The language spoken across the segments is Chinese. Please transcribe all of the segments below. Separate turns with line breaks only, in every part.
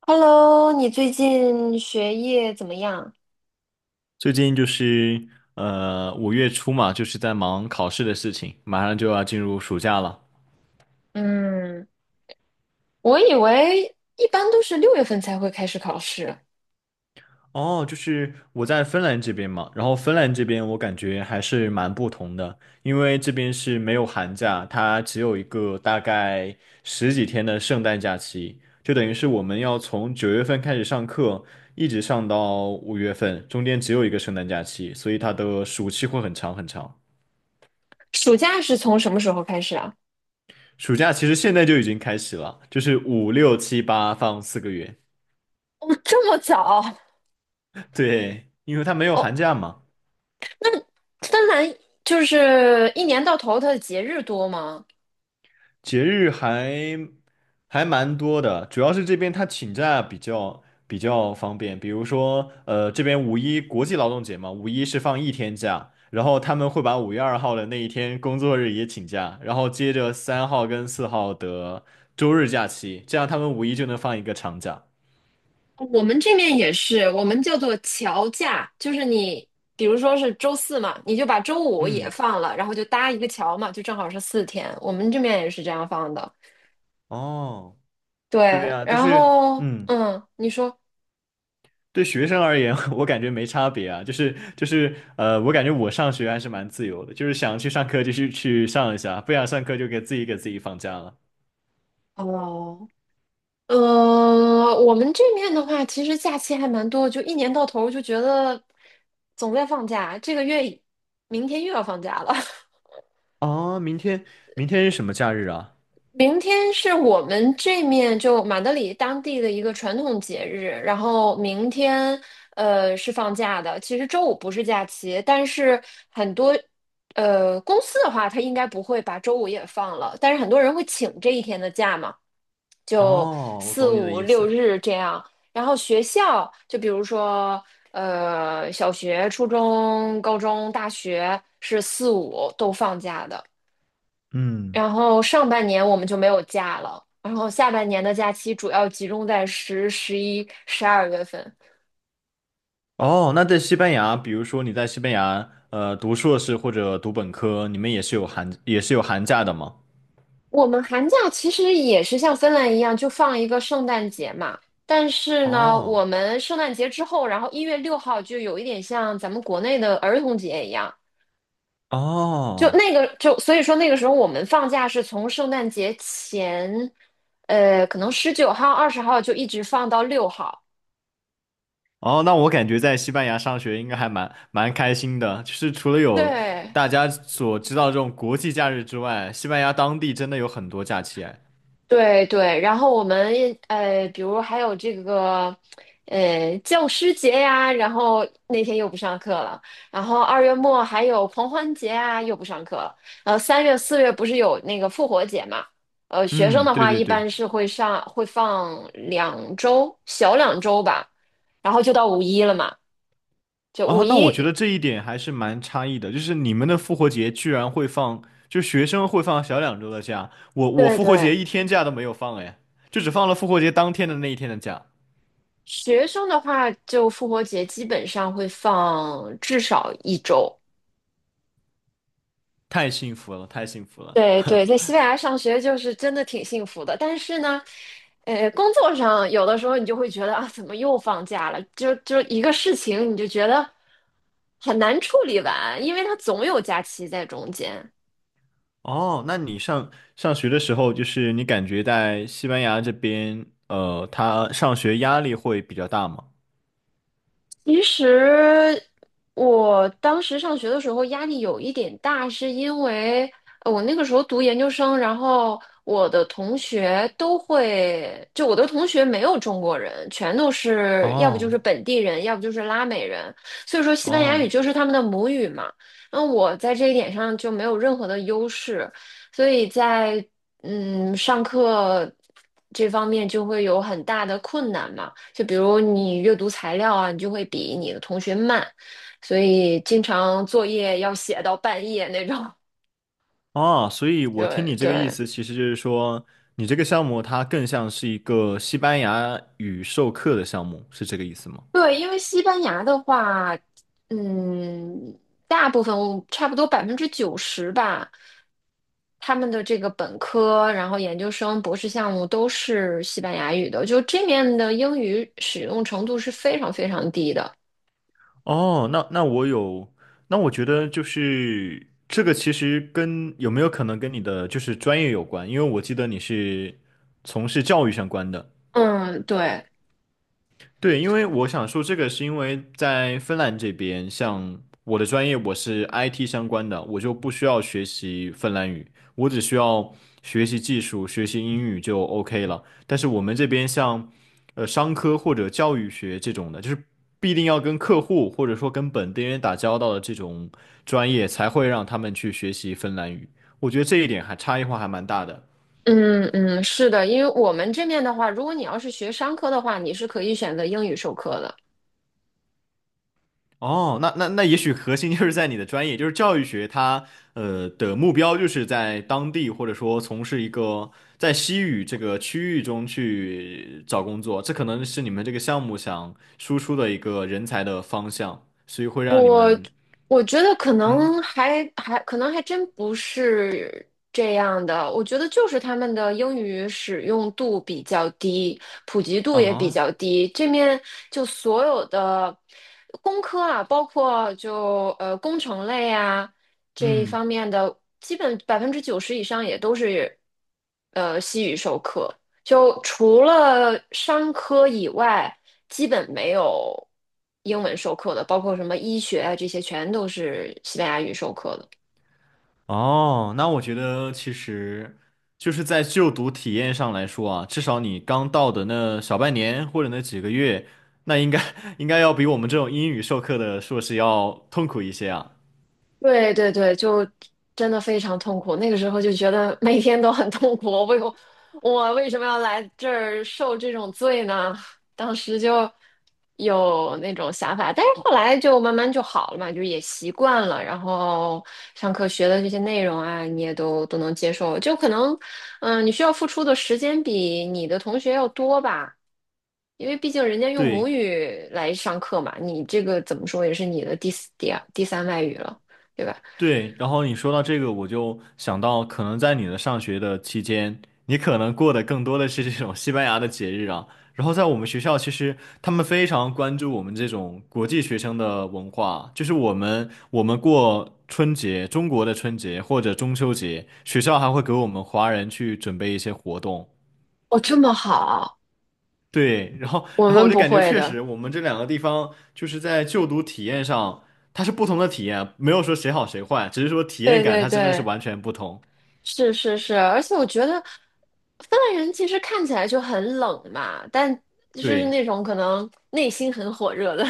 Hello，你最近学业怎么样？
最近就是五月初嘛，就是在忙考试的事情，马上就要进入暑假了。
嗯，我以为一般都是6月份才会开始考试，
哦，就是我在芬兰这边嘛，然后芬兰这边我感觉还是蛮不同的，因为这边是没有寒假，它只有一个大概十几天的圣诞假期，就等于是我们要从九月份开始上课，一直上到五月份，中间只有一个圣诞假期，所以它的暑期会很长很长。
暑假是从什么时候开始啊？
暑假其实现在就已经开始了，就是五六七八放四个月。
哦，这么早？
对，因为他没有
哦，
寒假嘛，
芬兰就是一年到头它的节日多吗？
节日还蛮多的，主要是这边他请假比较方便。比如说，这边五一国际劳动节嘛，五一是放一天假，然后他们会把五月二号的那一天工作日也请假，然后接着三号跟四号的周日假期，这样他们五一就能放一个长假。
我们这边也是，我们叫做乔假，就是你比如说是周四嘛，你就把周五也
嗯，
放了，然后就搭一个桥嘛，就正好是4天。我们这边也是这样放的。
哦，对
对，
呀，但
然
是
后
嗯。
嗯，你说。
对学生而言，我感觉没差别啊，就是，我感觉我上学还是蛮自由的，就是想去上课就去上一下，不想上课就给自己放假了。
哦，我们这面的话，其实假期还蛮多的就一年到头就觉得总在放假，这个月明天又要放假了。
哦，明天是什么假日啊？
明天是我们这面就马德里当地的一个传统节日，然后明天是放假的。其实周五不是假期，但是很多公司的话，它应该不会把周五也放了，但是很多人会请这一天的假嘛。就
哦，我
四
懂你的
五
意
六
思。
日这样。然后学校，就比如说，小学、初中、高中、大学是四五都放假的。
嗯，
然后上半年我们就没有假了，然后下半年的假期主要集中在10、11、12月份。
哦，那在西班牙，比如说你在西班牙读硕士或者读本科，你们也是有寒假的吗？
我们寒假其实也是像芬兰一样，就放一个圣诞节嘛。但是呢，我
哦，
们圣诞节之后，然后1月6号就有一点像咱们国内的儿童节一样，就
哦。
那个就所以说那个时候我们放假是从圣诞节前，可能19号、20号就一直放到六号。
哦，那我感觉在西班牙上学应该还蛮开心的，就是除了有
对，
大家所知道这种国际假日之外，西班牙当地真的有很多假期哎。
对对，然后我们比如还有这个教师节呀，然后那天又不上课了，然后2月末还有狂欢节啊，又不上课了，3月4月不是有那个复活节嘛，学生
嗯，
的
对
话
对
一
对。
般是会放两周，小两周吧，然后就到五一了嘛，就五
哦，那我觉得
一，
这一点还是蛮差异的，就是你们的复活节居然会放，就学生会放小两周的假，我
对
复活节
对，
一天假都没有放哎，就只放了复活节当天的那一天的假，
学生的话就复活节基本上会放至少1周。
太幸福了，太幸福了。
对对，在西班牙上学就是真的挺幸福的，但是呢，工作上有的时候你就会觉得啊，怎么又放假了？就一个事情，你就觉得很难处理完，因为它总有假期在中间。
哦，那你上学的时候，就是你感觉在西班牙这边，他上学压力会比较大吗？
其实我当时上学的时候压力有一点大，是因为我那个时候读研究生，然后我的同学都会，就我的同学没有中国人，全都是要不就
哦
是本地人，要不就是拉美人，所以说西班牙语
哦
就是他们的母语嘛。那我在这一点上就没有任何的优势，所以在上课这方面就会有很大的困难嘛。就比如你阅读材料啊，你就会比你的同学慢，所以经常作业要写到半夜那种。
哦，所以我听
对
你这个意
对
思，其实就是说，你这个项目它更像是一个西班牙语授课的项目，是这个意思吗？
对，因为西班牙的话，嗯，大部分差不多百分之九十吧，他们的这个本科，然后研究生、博士项目都是西班牙语的，就这面的英语使用程度是非常非常低的。
哦，那那我觉得就是这个其实跟有没有可能跟你的就是专业有关，因为我记得你是从事教育相关的。
嗯，对。
对，因为我想说这个是因为在芬兰这边，像我的专业我是 IT 相关的，我就不需要学习芬兰语，我只需要学习技术、学习英语就 OK 了。但是我们这边像商科或者教育学这种的，就是必定要跟客户或者说跟本地人打交道的这种专业，才会让他们去学习芬兰语。我觉得这一点还差异化还蛮大的。
嗯嗯，是的，因为我们这面的话，如果你要是学商科的话，你是可以选择英语授课的。
哦，那也许核心就是在你的专业，就是教育学它的目标就是在当地或者说从事一个在西语这个区域中去找工作，这可能是你们这个项目想输出的一个人才的方向，所以会让你们，
我觉得可
嗯
能还可能还真不是这样的，我觉得就是他们的英语使用度比较低，普及度也比
啊，
较低。这面就所有的工科啊，包括就工程类啊这一
嗯。
方面的，基本90%以上也都是西语授课。就除了商科以外，基本没有英文授课的，包括什么医学啊这些，全都是西班牙语授课的。
哦，那我觉得其实就是在就读体验上来说啊，至少你刚到的那小半年或者那几个月，那应该 应该要比我们这种英语授课的硕士要痛苦一些啊。
对对对，就真的非常痛苦。那个时候就觉得每天都很痛苦，我为什么要来这儿受这种罪呢？当时就有那种想法，但是后来就慢慢就好了嘛，就也习惯了。然后上课学的这些内容啊，你也都能接受。就可能，你需要付出的时间比你的同学要多吧。因为毕竟人家用母
对。
语来上课嘛，你这个怎么说也是你的第四、第二、第三外语了，对吧？
对，然后你说到这个，我就想到，可能在你的上学的期间，你可能过的更多的是这种西班牙的节日啊。然后在我们学校，其实他们非常关注我们这种国际学生的文化，就是我们过春节，中国的春节或者中秋节，学校还会给我们华人去准备一些活动。
哦，这么好，
对，然后
我
然后我
们
就
不
感觉
会
确
的。
实，我们这两个地方就是在就读体验上，它是不同的体验，没有说谁好谁坏，只是说体验
对
感
对
它真的是
对，
完全不同。
是是是，而且我觉得芬兰人其实看起来就很冷嘛，但就是
对。
那种可能内心很火热的。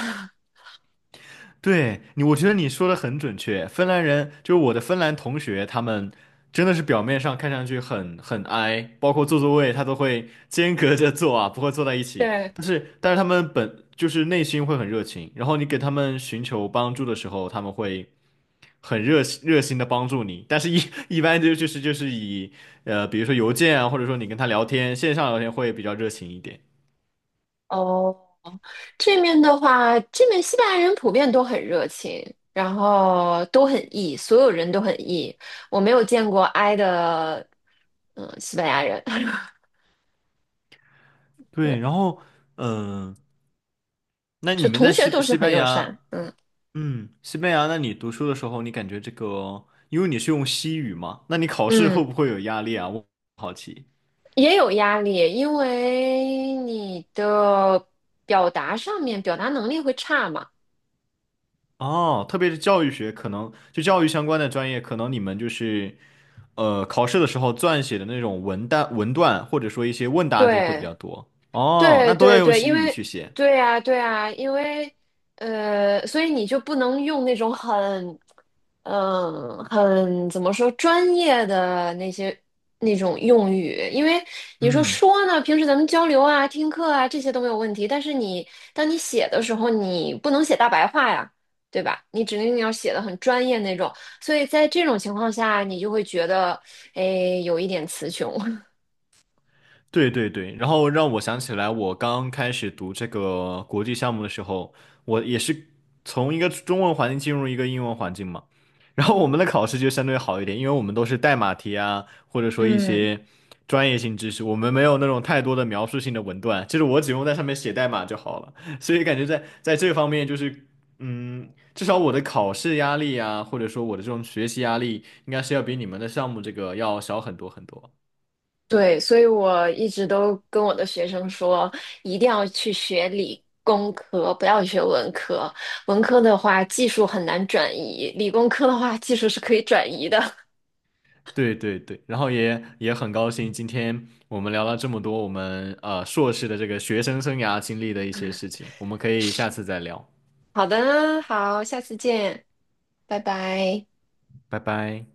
对你，我觉得你说的很准确。芬兰人就是我的芬兰同学，他们真的是表面上看上去很 i，包括坐座位他都会 间隔着坐啊，不会坐在一 起。
对，
但是他们本就是内心会很热情，然后你给他们寻求帮助的时候，他们会很热心的帮助你。但是一 一般就是以，比如说邮件啊，或者说你跟他聊天，线上聊天会比较热情一点。
哦。这面的话，这面西班牙人普遍都很热情，然后都很 E，所有人都很 E。我没有见过 I 的，嗯，西班牙人。对，
对，然后嗯、呃那你
就
们
同
在
学
西
都是
西
很
班
友善。
牙？
嗯
嗯，西班牙，那你读书的时候，你感觉这个，因为你是用西语嘛，那你考试会
嗯，
不会有压力啊？我好奇。
也有压力，因为你的表达能力会差嘛。
哦，特别是教育学，可能就教育相关的专业，可能你们就是考试的时候撰写的那种文段，或者说一些问答题会比
对
较多。哦，
对
那都要
对
用
对，因
西语
为
去写。
对呀对呀，因为所以你就不能用那种很怎么说专业的那些那种用语，因为你说
嗯。
说呢，平时咱们交流啊、听课啊这些都没有问题，但是当你写的时候，你不能写大白话呀，对吧？你指定要写的很专业那种，所以在这种情况下，你就会觉得，哎，有一点词穷。
对对对，然后让我想起来，我刚开始读这个国际项目的时候，我也是从一个中文环境进入一个英文环境嘛，然后我们的考试就相对好一点，因为我们都是代码题啊，或者说一
嗯
些专业性知识，我们没有那种太多的描述性的文段，就是我只用在上面写代码就好了，所以感觉在这方面就是，嗯，至少我的考试压力啊，或者说我的这种学习压力，应该是要比你们的项目这个要小很多很多。
对，所以我一直都跟我的学生说，一定要去学理工科，不要学文科。文科的话，技术很难转移；理工科的话，技术是可以转移的。
对对对，然后也很高兴，今天我们聊了这么多，我们硕士的这个学生生涯经历的一些事情，我们可以下次再聊，
好的，好，下次见，拜拜。
拜拜。